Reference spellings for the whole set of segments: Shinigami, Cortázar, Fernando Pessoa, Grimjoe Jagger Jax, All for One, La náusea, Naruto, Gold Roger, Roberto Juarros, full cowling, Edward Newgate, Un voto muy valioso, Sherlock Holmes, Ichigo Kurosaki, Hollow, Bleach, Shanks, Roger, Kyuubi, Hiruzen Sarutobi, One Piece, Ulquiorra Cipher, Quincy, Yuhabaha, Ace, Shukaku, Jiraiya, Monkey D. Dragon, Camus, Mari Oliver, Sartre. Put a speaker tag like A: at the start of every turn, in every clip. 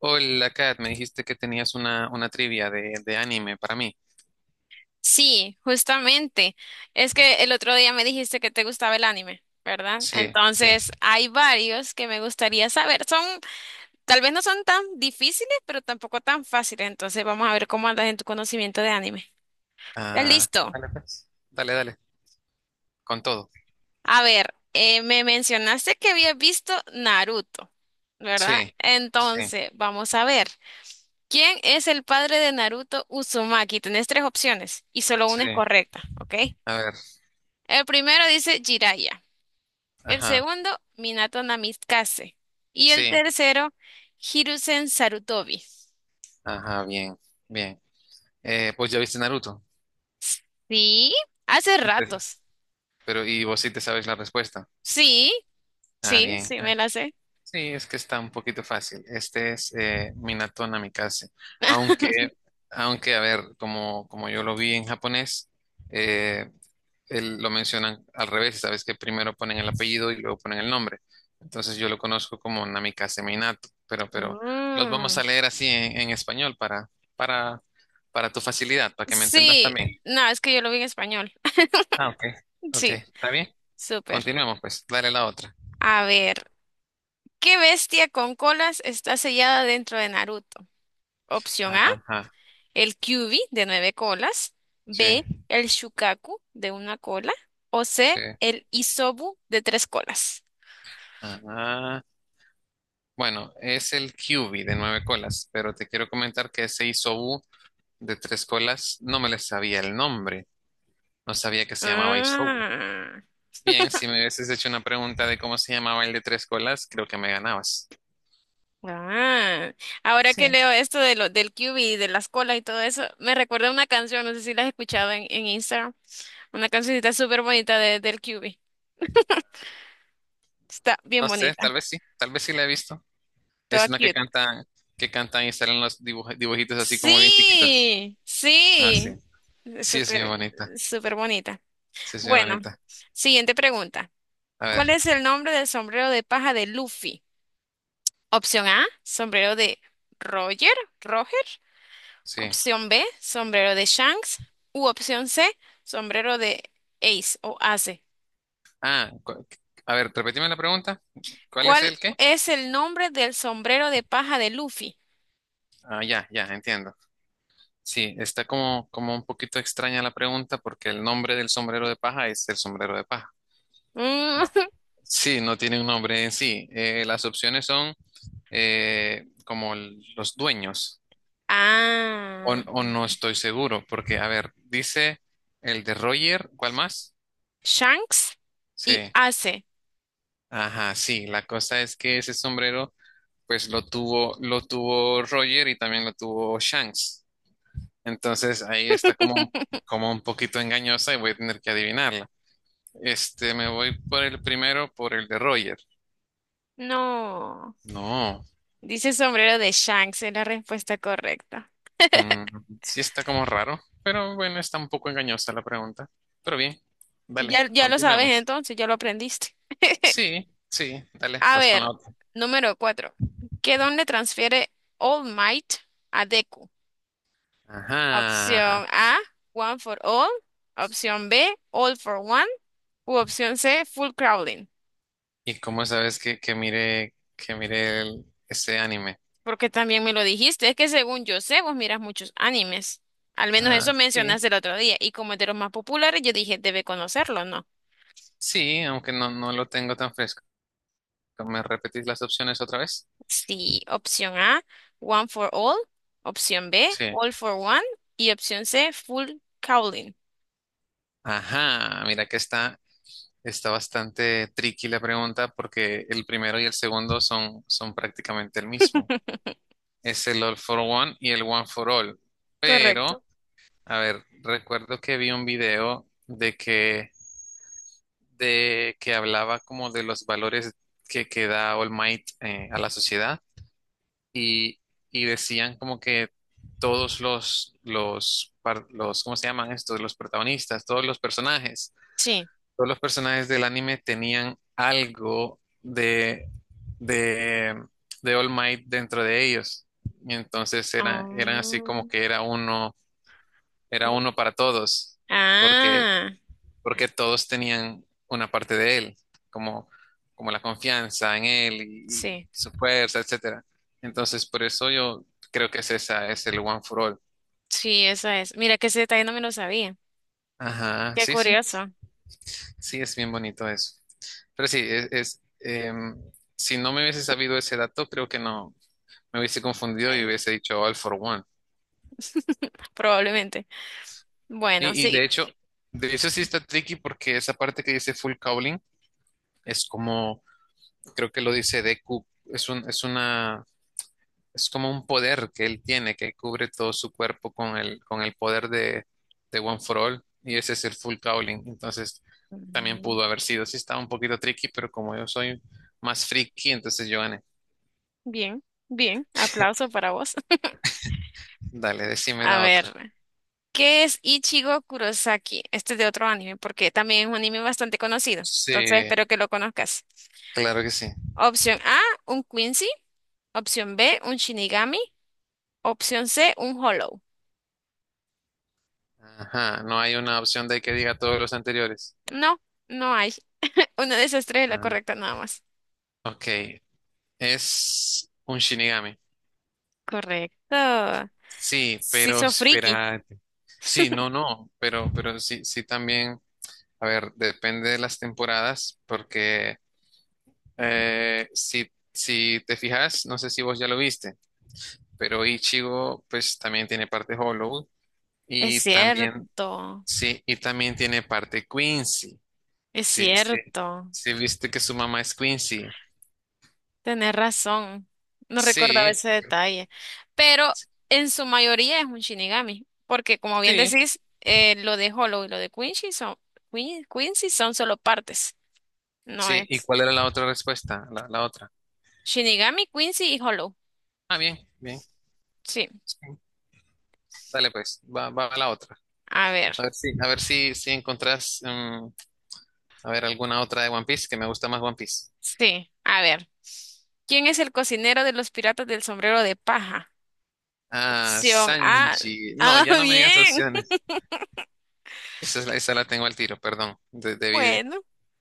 A: Hola, Kat, me dijiste que tenías una trivia de anime para mí.
B: Sí, justamente. Es que el otro día me dijiste que te gustaba el anime, ¿verdad?
A: Sí, sí.
B: Entonces, hay varios que me gustaría saber. Son, tal vez no son tan difíciles, pero tampoco tan fáciles. Entonces, vamos a ver cómo andas en tu conocimiento de anime. ¿Estás
A: Ah,
B: listo?
A: dale, pues. Dale, dale, con todo.
B: A ver, me mencionaste que habías visto Naruto, ¿verdad?
A: Sí, sí,
B: Entonces, vamos a ver. ¿Quién es el padre de Naruto Uzumaki? Tenés tres opciones y solo una es
A: sí.
B: correcta, ¿ok?
A: A ver,
B: El primero dice Jiraiya. El
A: ajá,
B: segundo, Minato Namikaze. Y el
A: sí,
B: tercero, Hiruzen Sarutobi.
A: ajá, bien, bien. Pues ya viste Naruto.
B: Sí, hace
A: Y
B: ratos.
A: pero vos sí te sabes la respuesta.
B: Sí,
A: Ah,
B: sí,
A: bien.
B: sí, me la sé.
A: Sí, es que está un poquito fácil. Este es Minato Namikaze. Aunque, aunque, a ver, como yo lo vi en japonés, eh, lo mencionan al revés. Sabes que primero ponen el apellido y luego ponen el nombre. Entonces yo lo conozco como Namikaze Minato, pero los vamos
B: Mm.
A: a leer así en español para, para tu facilidad, para que me entendas
B: Sí,
A: también.
B: no, es que yo lo vi en español.
A: Ah, ok. Ok,
B: Sí,
A: ¿está bien?
B: súper.
A: Continuemos pues, dale la otra.
B: A ver, ¿qué bestia con colas está sellada dentro de Naruto? Opción A,
A: Ajá,
B: el Kyuubi de nueve colas.
A: sí,
B: B, el Shukaku de una cola. O
A: sí.
B: C, el Isobu de tres colas.
A: Ajá. Bueno, es el QB de nueve colas, pero te quiero comentar que ese Isobu de tres colas no me le sabía el nombre, no sabía que se llamaba Isobu.
B: Ah,
A: Bien, si me hubieses hecho una pregunta de cómo se llamaba el de tres colas, creo que me ganabas.
B: ah. Ahora que
A: Sí.
B: leo esto del QB y de las colas y todo eso, me recuerda una canción, no sé si la has escuchado en Instagram, una cancioncita súper bonita del Q-B. Está bien
A: No sé,
B: bonita,
A: tal vez sí la he visto. Es
B: toda
A: una que
B: cute.
A: cantan, que cantan y salen los dibujitos así como bien chiquitos.
B: Sí,
A: Ah, sí.
B: sí, es
A: Sí, es bien
B: súper,
A: bonita.
B: súper bonita.
A: Sí, es bien
B: Bueno,
A: bonita.
B: siguiente pregunta.
A: A ver,
B: ¿Cuál es el nombre del sombrero de paja de Luffy? Opción A, sombrero de Roger, Roger.
A: sí.
B: Opción B, sombrero de Shanks. U opción C, sombrero de Ace o Ace.
A: Ah, a ver, repetime la pregunta. ¿Cuál es
B: ¿Cuál
A: el qué?
B: es el nombre del sombrero de paja de Luffy?
A: Ah, ya, ya, entiendo. Sí, está como un poquito extraña la pregunta porque el nombre del sombrero de paja es el sombrero de paja.
B: Mm,
A: No. Sí, no tiene un nombre en sí. Las opciones son como los dueños, o,
B: Ah,
A: o no estoy seguro, porque, a ver, dice el de Roger. ¿Cuál más?
B: Shanks y
A: Sí,
B: Ace.
A: ajá, sí, la cosa es que ese sombrero, pues lo tuvo Roger y también lo tuvo Shanks. Entonces ahí está como, un- como un poquito engañosa y voy a tener que adivinarla. Este, me voy por el primero, por el de Roger.
B: No,
A: No.
B: dice sombrero de Shanks, es la respuesta correcta.
A: Mm, sí está como raro, pero bueno, está un poco engañosa la pregunta. Pero bien, dale,
B: Ya, ya lo sabes
A: continuemos.
B: entonces, ya lo aprendiste.
A: Sí, sí, dale,
B: A
A: vas con la
B: ver,
A: otra.
B: número cuatro. ¿Qué don le transfiere All Might a Deku?
A: Ajá.
B: Opción A, one for all. Opción B, all for one. U opción C, full crawling.
A: ¿Y cómo sabes que mire ese anime?
B: Porque también me lo dijiste, es que según yo sé, vos miras muchos animes. Al menos
A: Ah,
B: eso
A: sí.
B: mencionaste el otro día. Y como es de los más populares, yo dije, debe conocerlo, ¿no?
A: Sí, aunque no lo tengo tan fresco. ¿Me repetís las opciones otra vez?
B: Sí, opción A, one for all. Opción B,
A: Sí.
B: all for one. Y opción C, full crawling.
A: Ajá, mira que está bastante tricky la pregunta porque el primero y el segundo son prácticamente el mismo. Es el All for One y el One for All. Pero,
B: Correcto.
A: a ver, recuerdo que vi un video de que hablaba como de los valores que da All Might a la sociedad y, y decían como que todos los, ¿cómo se llaman estos? Los protagonistas, todos los personajes
B: Sí.
A: todos los personajes del anime tenían algo de, de All Might dentro de ellos. Y entonces eran así
B: Ah,
A: como que era uno para todos, porque,
B: ah,
A: porque todos tenían una parte de él, como, como la confianza en él y
B: sí.
A: su fuerza, etcétera. Entonces, por eso yo creo que es esa, es el One for All.
B: Sí, esa es. Mira que ese detalle no me lo sabía.
A: Ajá,
B: Qué
A: sí, sí.
B: curioso.
A: Sí, es bien bonito eso. Pero sí, es, si no me hubiese sabido ese dato, creo que no me hubiese confundido y
B: Eh,
A: hubiese dicho All for One.
B: Probablemente. Bueno,
A: Y de
B: sí.
A: hecho, de eso sí está tricky porque esa parte que dice full cowling es como, creo que lo dice Deku, es un, es una, es como un poder que él tiene que cubre todo su cuerpo con el poder de One for All y ese es el full cowling. Entonces, también
B: Mm,
A: pudo haber sido. Sí, estaba un poquito tricky, pero como yo soy más friki, entonces yo gané.
B: bien, bien. Aplauso para vos.
A: Dale, decime
B: A
A: la otra.
B: ver. ¿Qué es Ichigo Kurosaki? Este es de otro anime, porque también es un anime bastante conocido. Entonces
A: Sí,
B: espero que lo conozcas.
A: claro que sí.
B: Opción A, un Quincy. Opción B, un Shinigami. Opción C, un Hollow.
A: Ajá, no hay una opción de que diga todos los anteriores.
B: No, no hay. Una de esas tres es la
A: Ah,
B: correcta nada más.
A: ok, es un Shinigami.
B: Correcto.
A: Sí,
B: Sí,
A: pero
B: sos friki.
A: espérate. Sí, no, no, pero sí, sí también, a ver, depende de las temporadas, porque si te fijas, no sé si vos ya lo viste, pero Ichigo pues también tiene parte Hollow
B: Es
A: y también,
B: cierto.
A: sí, y también tiene parte Quincy.
B: Es
A: Sí, sí.
B: cierto.
A: Sí, viste que su mamá es Quincy.
B: Tenés razón, no recordaba
A: Sí,
B: ese detalle, pero en su mayoría es un Shinigami, porque como bien
A: sí,
B: decís, lo de Hollow y lo de Quincy son, Quincy son solo partes, no
A: sí. ¿Y
B: es
A: cuál era la otra respuesta? La otra.
B: Shinigami, Quincy y Hollow.
A: Ah, bien, bien.
B: Sí,
A: Sí. Dale pues, va a la otra.
B: a ver,
A: A ver si encontrás, a ver, alguna otra de One Piece, que me gusta más One Piece.
B: sí, a ver. ¿Quién es el cocinero de los piratas del sombrero de paja?
A: Ah,
B: Opción A.
A: Sanji. No,
B: Ah,
A: ya no me digas
B: bien.
A: opciones. Esa la tengo al tiro, perdón. De- debí,
B: Bueno,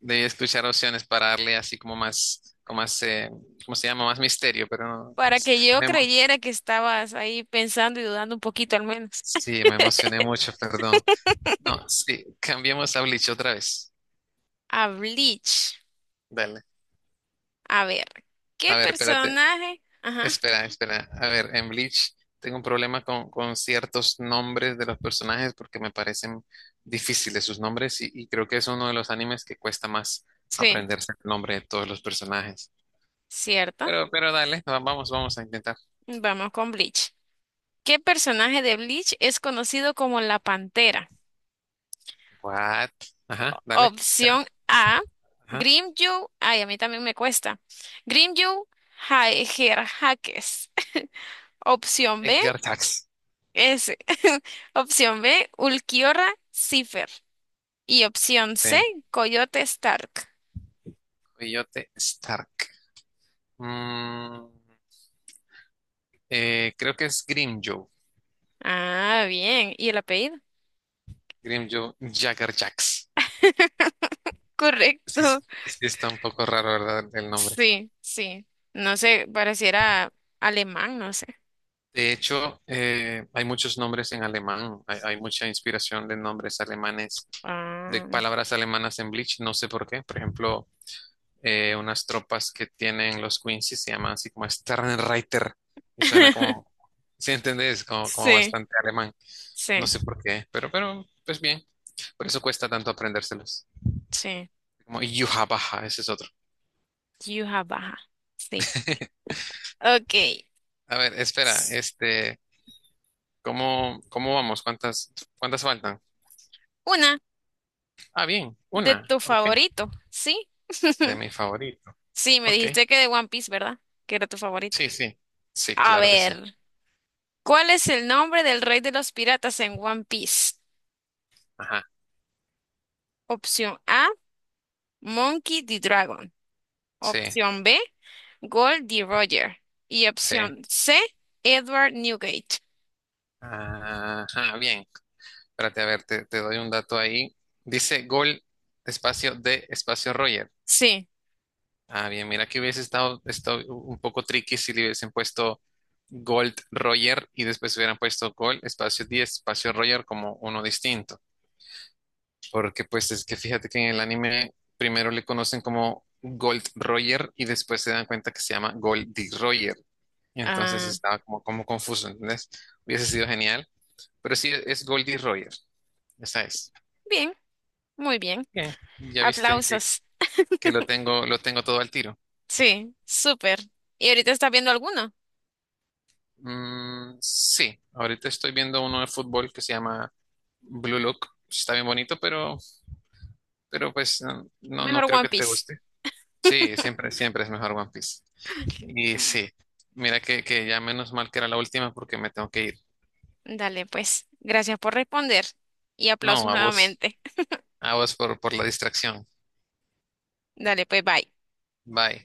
A: debí escuchar opciones para darle así como más, ¿cómo se llama? Más misterio, pero no.
B: para que yo
A: Me emo-
B: creyera que estabas ahí pensando y dudando un poquito al menos.
A: sí, me emocioné mucho, perdón. No, sí, cambiemos a Bleach otra vez.
B: A Bleach.
A: Dale.
B: A ver, ¿qué
A: A ver, espérate.
B: personaje? Ajá,
A: Espera, espera. A ver, en Bleach tengo un problema con ciertos nombres de los personajes porque me parecen difíciles sus nombres y creo que es uno de los animes que cuesta más
B: sí,
A: aprenderse el nombre de todos los personajes.
B: cierto.
A: Pero dale, vamos a intentar.
B: Vamos con Bleach. ¿Qué personaje de Bleach es conocido como la Pantera?
A: What? Ajá, dale. Espera,
B: Opción A,
A: ajá.
B: Grimyu. Ay, a mí también me cuesta. Grimyu Haegerhakes. Opción B,
A: Edgar Tax.
B: S. Opción B, Ulquiorra Cipher. Y opción C,
A: Sí.
B: Coyote Stark.
A: Coyote Stark. Mm, Creo que es Grimjoe.
B: Ah, bien. ¿Y el apellido?
A: Grimjoe Jagger Jax. Sí,
B: Correcto.
A: sí está un poco raro, ¿verdad? El nombre.
B: Sí, sí. No sé, pareciera alemán, no sé.
A: De hecho, hay muchos nombres en alemán. Hay mucha inspiración de nombres alemanes, de
B: Ah,
A: palabras alemanas en Bleach. No sé por qué. Por ejemplo, unas tropas que tienen los Quincy se llaman así como Sternreiter. Y suena como, ¿sí entendés? Como
B: sí,
A: bastante alemán. No
B: sí,
A: sé por qué, pero, pues bien. Por eso cuesta tanto aprendérselos.
B: sí.
A: Como Yuhabaha, ese es otro.
B: Yuja baja. Sí. Ok.
A: A ver, espera, este. ¿Cómo vamos? ¿Cuántas faltan?
B: Una
A: Ah, bien,
B: de
A: una.
B: tu
A: Ok.
B: favorito, ¿sí?
A: De mi favorito.
B: Sí, me
A: Ok.
B: dijiste que de One Piece, ¿verdad? Que era tu favorito.
A: Sí, sí. Sí,
B: A
A: claro que sí.
B: ver, ¿cuál es el nombre del rey de los piratas en One Piece?
A: Ajá.
B: Opción A, Monkey D. Dragon.
A: Sí,
B: Opción B, Gold D. Roger. Y
A: sí.
B: opción C, Edward Newgate.
A: Ajá, bien. Espérate, a ver, te doy un dato ahí. Dice gol, espacio de, espacio Roger.
B: Sí.
A: Ah, bien, mira que hubiese estado un poco tricky si le hubiesen puesto Gold Roger y después hubieran puesto Gold, espacio 10 espacio Roger como uno distinto. Porque pues es que fíjate que en el anime primero le conocen como Gold Roger y después se dan cuenta que se llama Goldie Roger. Y entonces
B: Ah,
A: estaba como confuso, ¿entendés? Hubiese sido genial. Pero sí, es Goldie Roger. Esa es.
B: bien, muy bien.
A: Bien. Ya viste que,
B: Aplausos.
A: que lo tengo, todo al tiro.
B: Sí, súper. ¿Y ahorita estás viendo alguno?
A: Sí, ahorita estoy viendo uno de fútbol que se llama Blue Lock. Está bien bonito, pero pues no
B: Mejor
A: creo
B: One
A: que te
B: Piece.
A: guste. Sí, siempre, siempre es mejor One Piece. Y
B: Mm,
A: sí, mira que ya menos mal que era la última porque me tengo que ir.
B: dale, pues. Gracias por responder. Y
A: No,
B: aplausos nuevamente.
A: a vos por la distracción.
B: Dale, pues, bye.
A: Bye.